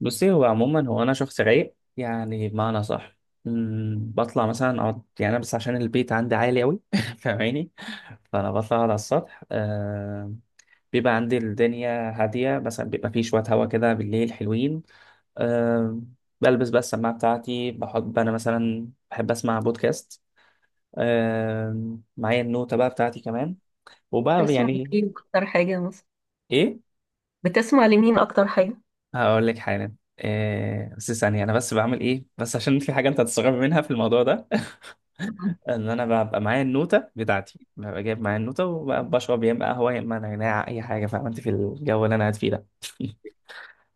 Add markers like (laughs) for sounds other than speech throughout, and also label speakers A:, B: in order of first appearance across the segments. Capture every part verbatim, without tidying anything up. A: بصي، هو عموما هو انا شخص رايق، يعني بمعنى صح. أمم، بطلع مثلا اقعد، يعني انا بس عشان البيت عندي عالي قوي (laughs) فاهماني؟ فانا بطلع أقعد على السطح. آه، بيبقى عندي الدنيا هاديه، مثلا بيبقى فيه شويه هوا كده بالليل حلوين. آه، بلبس بقى السماعه بتاعتي. بحب انا مثلا بحب اسمع بودكاست. آه، معايا النوتة بقى بتاعتي كمان. وبقى
B: بتسمع
A: يعني
B: ايه اكتر حاجة مثلا؟
A: ايه.
B: بتسمع لمين اكتر حاجة؟
A: هقول لك حالا إيه، بس ثانية أنا بس بعمل إيه، بس عشان في حاجة أنت هتستغرب منها في الموضوع ده (laughs) إن أنا ببقى معايا النوتة بتاعتي، ببقى جايب معايا النوتة وبشرب يا إما قهوة يا إما نعناع، أي حاجة. فاهم أنت في الجو اللي أنا قاعد فيه ده؟ (laughs)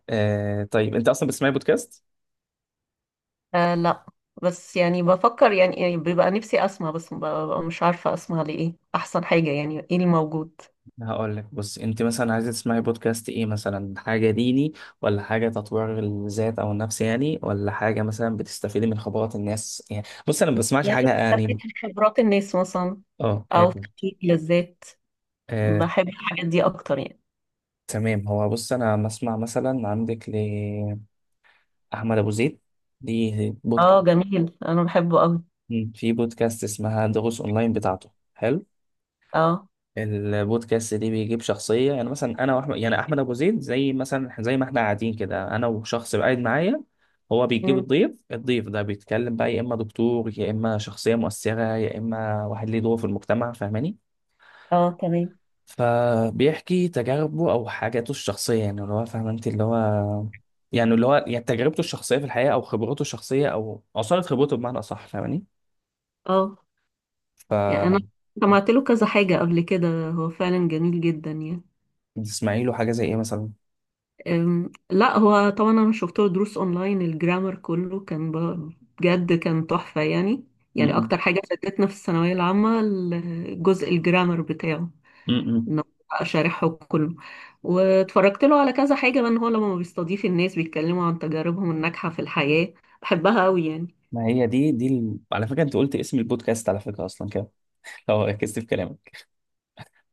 A: إيه، طيب أنت أصلا بتسمعي بودكاست؟
B: آه لا، بس يعني بفكر يعني, يعني بيبقى نفسي اسمع، بس ببقى مش عارفة اسمع لايه، احسن حاجة يعني ايه اللي موجود.
A: هقول لك، بص أنت مثلا عايزة تسمعي بودكاست إيه، مثلا حاجة ديني ولا حاجة تطوير الذات أو النفس يعني، ولا حاجة مثلا بتستفيدي من خبرات الناس يعني. بص، أنا ما بسمعش
B: يعني
A: حاجة
B: بستفيد
A: يعني.
B: من خبرات الناس مثلا،
A: أه،
B: او
A: آه،
B: تحقيق لذات.
A: آه،
B: بحب الحاجات دي اكتر يعني.
A: تمام. هو بص، انا بسمع مثلا عندك لاحمد ابو زيد، دي
B: اه
A: بودكاست.
B: جميل، انا بحبه قوي.
A: مم. في بودكاست اسمها دروس اونلاين بتاعته، حلو.
B: اه.
A: البودكاست دي بيجيب شخصيه، يعني مثلا انا واحمد، يعني احمد ابو زيد، زي مثلا زي ما احنا قاعدين كده انا وشخص قاعد معايا. هو بيجيب
B: مم.
A: الضيف، الضيف ده بيتكلم بقى، يا اما دكتور يا اما شخصيه مؤثره يا اما واحد ليه دور في المجتمع، فاهماني؟
B: اه تمام.
A: فبيحكي تجاربه او حاجاته الشخصيه، يعني اللي هو فاهم انت اللي هو، يعني اللي هو يعني تجربته الشخصيه في الحياه او خبرته الشخصيه او عصاره خبرته بمعنى اصح، فاهماني؟
B: اه،
A: ف
B: يعني انا سمعت له كذا حاجة قبل كده، هو فعلا جميل جدا يعني.
A: تسمعي له حاجه زي ايه مثلا؟
B: أم، لا، هو طبعا انا شفت له دروس اونلاين، الجرامر كله كان ب- بجد كان تحفة يعني. يعني
A: م-م.
B: اكتر حاجة فادتنا في الثانوية العامة الجزء الجرامر بتاعه،
A: م-م.
B: انه بقى شارحه كله. واتفرجت له على كذا حاجة بقى، ان هو لما بيستضيف الناس بيتكلموا عن تجاربهم الناجحة في الحياة، بحبها قوي يعني.
A: ما هي دي دي ال... على فكره انت قلت اسم البودكاست على فكره اصلا كده، لو ركزت في كلامك.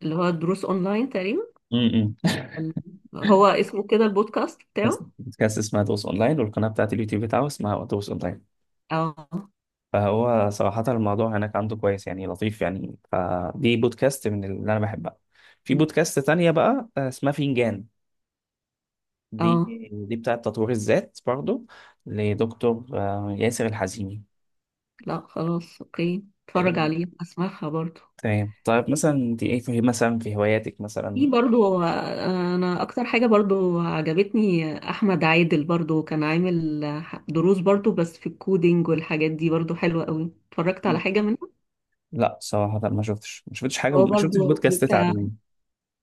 B: اللي هو دروس اونلاين تقريبا.
A: م-م. (laughs)
B: ال- هو اسمه كده البودكاست
A: اسم
B: بتاعه.
A: البودكاست اسمها دوس اونلاين، والقناه بتاعت اليوتيوب بتاعه اسمها دوس اونلاين.
B: اه
A: فهو صراحة الموضوع هناك عنده كويس يعني، لطيف يعني، فدي بودكاست من اللي أنا بحبها. في بودكاست تانية بقى، آه، اسمها فنجان. دي
B: اه.
A: دي بتاعة تطوير الذات برضو، لدكتور آه، ياسر الحزيمي.
B: لا خلاص اوكي،
A: إيه،
B: اتفرج عليه، اسمعها برضو.
A: تمام. طيب مثلا انت ايه، في مثلا في هواياتك مثلا؟
B: في برضو آه، انا اكتر حاجة برضو عجبتني احمد عادل، برضو كان عامل آه، دروس برضو، بس في الكودينج والحاجات دي برضو حلوة قوي، اتفرجت على حاجة منها.
A: لا صراحة، ما شفتش ما شفتش حاجة،
B: هو
A: ما شفتش
B: برضو
A: بودكاست
B: بتاع.
A: تعليمي.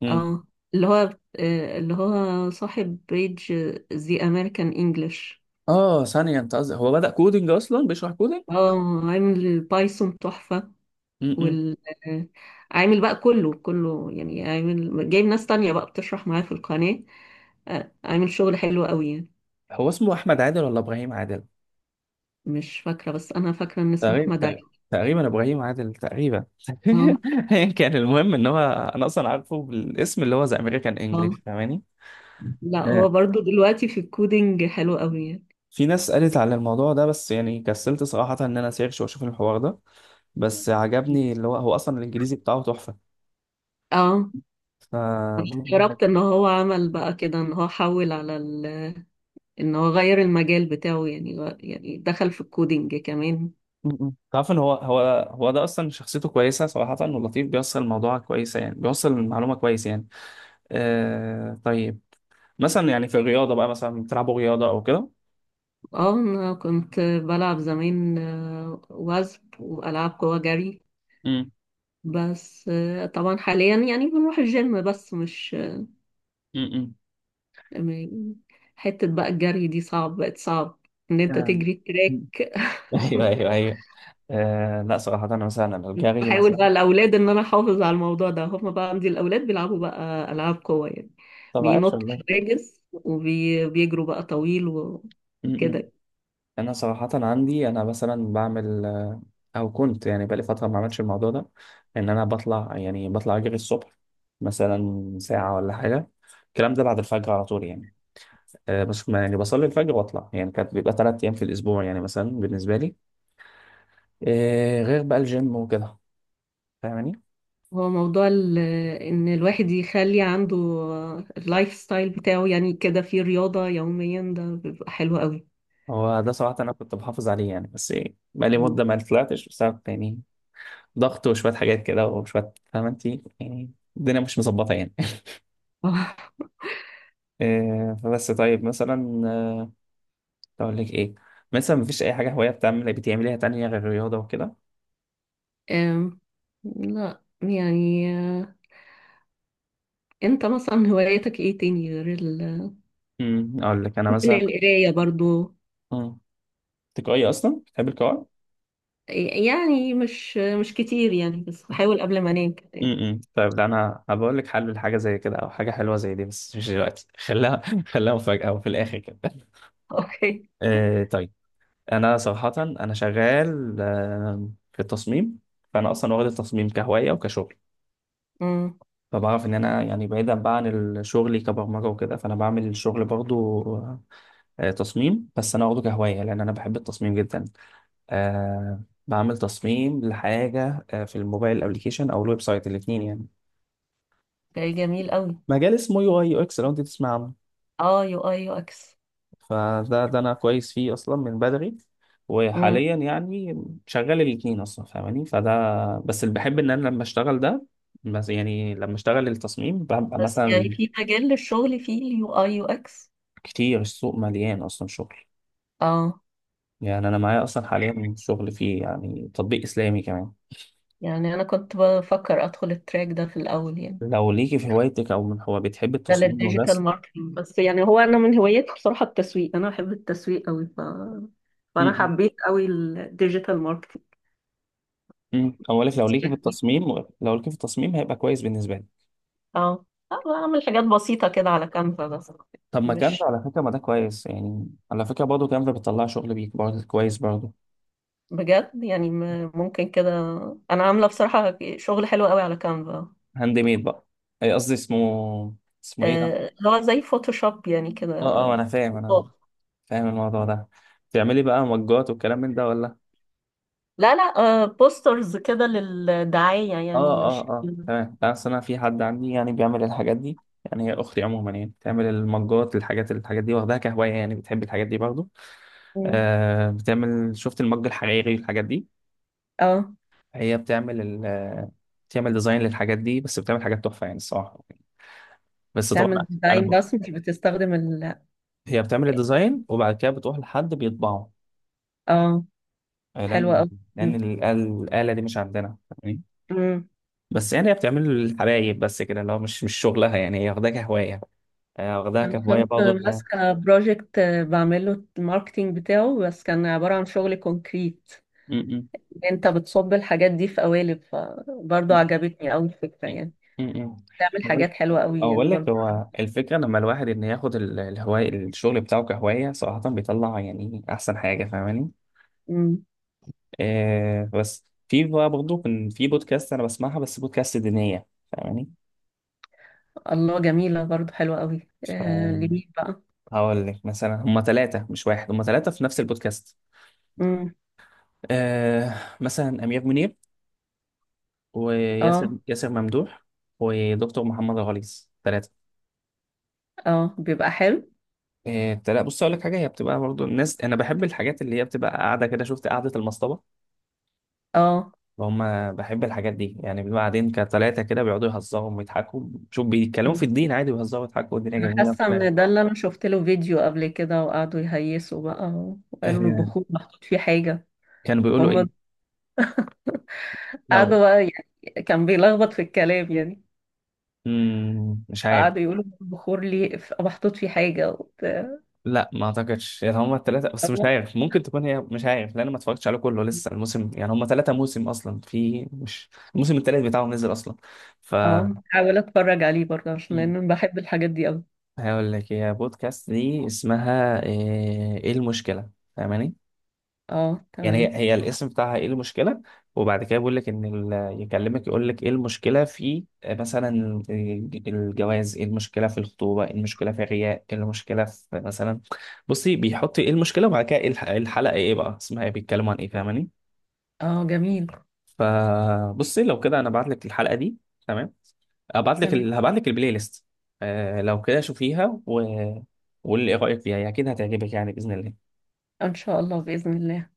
A: مم.
B: اه، اللي هو آه، اللي هو صاحب بيج زي امريكان انجلش.
A: اه، ثانية انت قصدك هو بدأ كودينج، اصلا بيشرح كودينج؟
B: اه، عامل البايثون تحفة.
A: م-م.
B: وال آه، عامل بقى كله كله يعني، عامل جايب ناس تانية بقى بتشرح معاه في القناة، آه، عامل شغل حلو قوي يعني.
A: هو اسمه احمد عادل ولا ابراهيم عادل؟
B: مش فاكرة، بس أنا فاكرة إن اسمه
A: تقريبا
B: أحمد
A: تق-
B: علي.
A: تقريبا ابراهيم عادل تقريبا.
B: اه.
A: (laughs) ايا كان، المهم ان هو انا اصلا عارفه بالاسم، اللي هو ذا امريكان انجلش،
B: اه.
A: فاهماني؟
B: لا
A: آه.
B: هو برضو دلوقتي في الكودينج حلو قوي يعني.
A: في ناس قالت على الموضوع ده بس يعني كسلت صراحة ان انا سيرش واشوف الحوار ده، بس عجبني اللي هو، هو اصلا الانجليزي بتاعه تحفة.
B: اه،
A: ف
B: أنا
A: م-
B: استغربت ان هو عمل بقى كده، ان هو حول على ال... ان هو غير المجال بتاعه، يعني غ- يعني دخل في الكودينج كمان.
A: م. تعرف ان هو هو هو ده اصلا شخصيته كويسة صراحة، ولطيف بيوصل الموضوع كويسة يعني، بيوصل المعلومة كويس يعني. آه، طيب مثلا، يعني في الرياضة بقى مثلا، بتلعبوا رياضة او كده؟
B: اه، انا كنت بلعب زمان آه، وزب والعاب قوى، جري.
A: م-
B: بس آه، طبعا حاليا يعني بنروح الجيم، بس مش
A: م- م.
B: آه، م- حتة بقى الجري دي صعب، بقت صعب ان انت
A: آه.
B: تجري
A: (laughs) مم.
B: تراك.
A: ايوه
B: (laughs)
A: ايوه ايوه. آه، لا صراحة انا مثلا انا
B: بس
A: الجري
B: بحاول
A: مثلا.
B: بقى الاولاد ان انا احافظ على الموضوع ده، هم بقى عندي الاولاد بيلعبوا بقى العاب قوه يعني،
A: طب عايش
B: بينطوا
A: والله.
B: حواجز وبيجروا بقى طويل و-
A: م- م.
B: وكده.
A: انا صراحة عندي انا مثلا بعمل آه، او كنت يعني، بقالي فترة ما عملتش الموضوع ده، ان انا بطلع، يعني بطلع اجري الصبح مثلا ساعة ولا حاجة. الكلام ده بعد الفجر على طول يعني، آه بس ما- يعني بصلي الفجر واطلع، يعني كانت بيبقى ثلاث ايام في الاسبوع يعني مثلا بالنسبة لي. آه، غير بقى الجيم وكده، فاهماني؟
B: هو موضوع ال- ان الواحد يخلي عنده اللايف ستايل بتاعه يعني كده، فيه رياضه يوميا، ده بيبقى حلو قوي.
A: هو ده صراحة انا كنت بحافظ عليه يعني، بس إيه، بقالي
B: مم.
A: مدة ما طلعتش بسبب يعني ضغط وشوية حاجات كده وشوية، فاهمة انت يعني، الدنيا مش مظبطة يعني.
B: (laughs) آه.
A: (laughs) آه، فبس طيب مثلا، آه، اقول لك ايه، مثلا مفيش اي حاجة هواية بتعمل بتعمليها تانية غير الرياضة وكده؟
B: أم، لا يعني. آه، انت مثلا هواياتك ايه تاني غير ال...؟
A: امم، اقول لك انا
B: ممكن
A: مثلا،
B: القرايه برضو.
A: امم، تقعي اصلا بتحب القراءة؟
B: يعني مش مش كتير يعني، بس بحاول قبل ما انام كده يعني.
A: امم، طيب، ده انا هبقول لك حل لحاجة زي كده، او حاجة حلوة زي دي، بس مش دلوقتي. (laughs) خليها، خليها مفاجأة وفي الاخر كده. (laughs)
B: (laughs) اوكي.
A: آه، طيب، انا صراحة انا شغال آه، في التصميم، فانا اصلا واخد التصميم كهواية وكشغل.
B: امم.
A: فبعرف ان انا يعني بعيدا بقى عن ال- شغلي كبرمجه وكده، فانا بعمل الشغل برضو آه، تصميم، بس انا واخده كهوايه، لان انا بحب التصميم جدا. آه، بعمل تصميم لحاجه آه، في الموبايل ابلكيشن او الويب سايت، الاثنين يعني.
B: ده جميل قوي.
A: مجال اسمه يو اي يو اكس، لو انت تسمع عنه.
B: اه، يو اي يو اكس.
A: فده، ده انا كويس فيه اصلا من بدري،
B: امم.
A: وحاليا يعني شغال الاثنين اصلا، فاهماني؟ فده، بس اللي بحب ان انا لما اشتغل ده، بس يعني لما اشتغل التصميم ببقى
B: بس يعني
A: مثلا
B: في مجال للشغل فيه اليو اي يو اكس؟
A: كتير، السوق مليان اصلا شغل
B: اه،
A: يعني. أنا معايا أصلا حاليا شغل فيه، يعني تطبيق إسلامي كمان.
B: يعني انا كنت بفكر ادخل التراك ده في الاول يعني،
A: لو ليكي في هوايتك، أو من هو بتحب
B: ده
A: التصميم
B: للديجيتال
A: والرسم.
B: ماركتنج. بس يعني هو انا من هواياتي بصراحة التسويق، انا بحب التسويق قوي ف... فانا
A: م-
B: حبيت قوي الديجيتال ماركتنج.
A: م. أقولك لو ليكي في
B: (laughs)
A: التصميم، لو ليكي في التصميم هيبقى كويس بالنسبة لي.
B: اه. آه، بعمل حاجات بسيطة كده على كانفا بس.
A: طب، ما كانفا
B: مش
A: على فكرة، ما ده كويس يعني، على فكرة برضه كانفا بتطلع شغل بيك برضه كويس برضه.
B: بجد يعني م- ممكن كده. انا عامله بصراحه شغل حلو قوي على كانفا.
A: هاند ميد بقى، أي قصدي اسمه، اسمه إيه ده؟
B: آه، اللي هو زي فوتوشوب يعني كده.
A: أه، أه أنا فاهم، أنا
B: آه،
A: فاهم الموضوع ده. تعملي بقى مجات والكلام من ده ولا؟
B: لا لا. آه، بوسترز كده للدعايه يعني،
A: اه اه
B: مش.
A: اه، تمام. بس انا في حد عندي يعني بيعمل الحاجات دي يعني، هي اختي عموما، يعني بتعمل المجات، الحاجات الحاجات دي، واخداها كهوايه يعني، بتحب الحاجات دي برضه.
B: مم.
A: آه، بتعمل، شفت المج الحريري والحاجات دي؟
B: اه،
A: هي بتعمل ال آه، بتعمل ديزاين للحاجات دي، بس بتعمل حاجات تحفه يعني الصراحه. بس
B: تعمل
A: طبعا انا
B: ديزاين
A: ب...
B: بس مش بتستخدم ال.
A: هي بتعمل الديزاين، وبعد كده بتروح لحد بيطبعه،
B: اه.
A: آه،
B: حلوة
A: لان،
B: قوي.
A: لان ال- الاله دي مش عندنا، فاهمني؟
B: مم.
A: بس يعني هي بتعمل الحبايب بس كده، اللي هو مش مش شغلها يعني، هي واخداها كهوايه. آه، واخدها
B: انا
A: كهواية
B: كنت
A: برضه، إنها
B: ماسكه بروجكت بعمله الماركتينج بتاعه، بس كان عباره عن شغل كونكريت،
A: م- م-
B: انت بتصب الحاجات دي في قوالب، فبرضه عجبتني قوي الفكره
A: م-
B: يعني.
A: م- م.
B: بتعمل
A: بقول،
B: حاجات حلوة قوي يعني
A: أقول لك،
B: برضو.
A: هو الفكرة لما الواحد إن ياخد ال- الهواية، الشغل بتاعه كهواية صراحة بيطلع يعني أحسن حاجة، فاهماني؟
B: مم.
A: آه، بس في بقى برضه كان في بودكاست أنا بسمعها، بس بودكاست دينية، فاهماني؟
B: الله، جميلة برضو، حلوة قوي.
A: ف
B: آه لمين بقى؟
A: هقول لك مثلا، هما ثلاثة مش واحد، هما ثلاثة في نفس البودكاست.
B: مم.
A: آه، مثلا أمير منير، وياسر
B: اه.
A: ياسر ممدوح، ودكتور محمد الغليظ، ثلاثة.
B: اه بيبقى حلو.
A: إيه، لا بص اقول لك حاجه، هي بتبقى برضو، الناس انا بحب الحاجات اللي هي بتبقى قاعده كده، شفت قعده المصطبه؟
B: اه.
A: هم، بحب الحاجات دي يعني، بنبقى قاعدين كتلاته كده، بيقعدوا يهزروا ويضحكوا، شوف بيتكلموا في
B: مم.
A: الدين عادي، ويهزروا ويضحكوا والدنيا
B: انا
A: جميله، مش
B: حاسة
A: فاهم.
B: ان ده اللي انا شفت له فيديو قبل كده، وقعدوا يهيسوا بقى، وقالوا
A: آه،
B: البخور محطوط فيه حاجة.
A: كانوا بيقولوا
B: هم
A: ايه؟ لو،
B: قعدوا بقى يعني، كان بيلخبط في الكلام يعني،
A: مم، مش عارف.
B: قعدوا يقولوا البخور ليه ف- محطوط فيه حاجة وبتاع.
A: لا، ما اعتقدش يعني، هم الثلاثه بس، مش
B: فاهمة؟
A: عارف ممكن تكون هي، مش عارف لان انا ما اتفرجتش عليه كله لسه، الموسم يعني هم ثلاثه موسم اصلا، في مش، الموسم الثالث بتاعهم نزل اصلا. ف
B: اه، حاول اتفرج عليه برضه، عشان لان أنا بحب الحاجات دي قوي.
A: هقول لك، هي بودكاست دي اسمها آه، ايه المشكلة، فاهماني؟
B: اه
A: يعني هي،
B: تمام.
A: هي الاسم بتاعها ايه المشكلة. وبعد كده بيقول لك ان ال- يكلمك يقول لك ايه المشكلة في آه، مثلا الج- الجواز، ايه المشكلة في الخطوبة، ايه المشكلة في الرياء، ايه المشكلة في مثلا، بصي بيحط ايه المشكلة، وبعد كده إيه الح- إيه الحلقة ايه بقى اسمها، ايه بيتكلموا عن ايه، فاهماني؟
B: اه جميل.
A: فبصي لو كده، انا بعت لك الحلقة دي، تمام؟ هبعت لك
B: تمام.
A: ال... هبعت لك البلاي ليست. آه، لو كده شوفيها و... واللي رايك فيها، هي اكيد هتعجبك يعني، باذن الله.
B: ان شاء الله، باذن الله.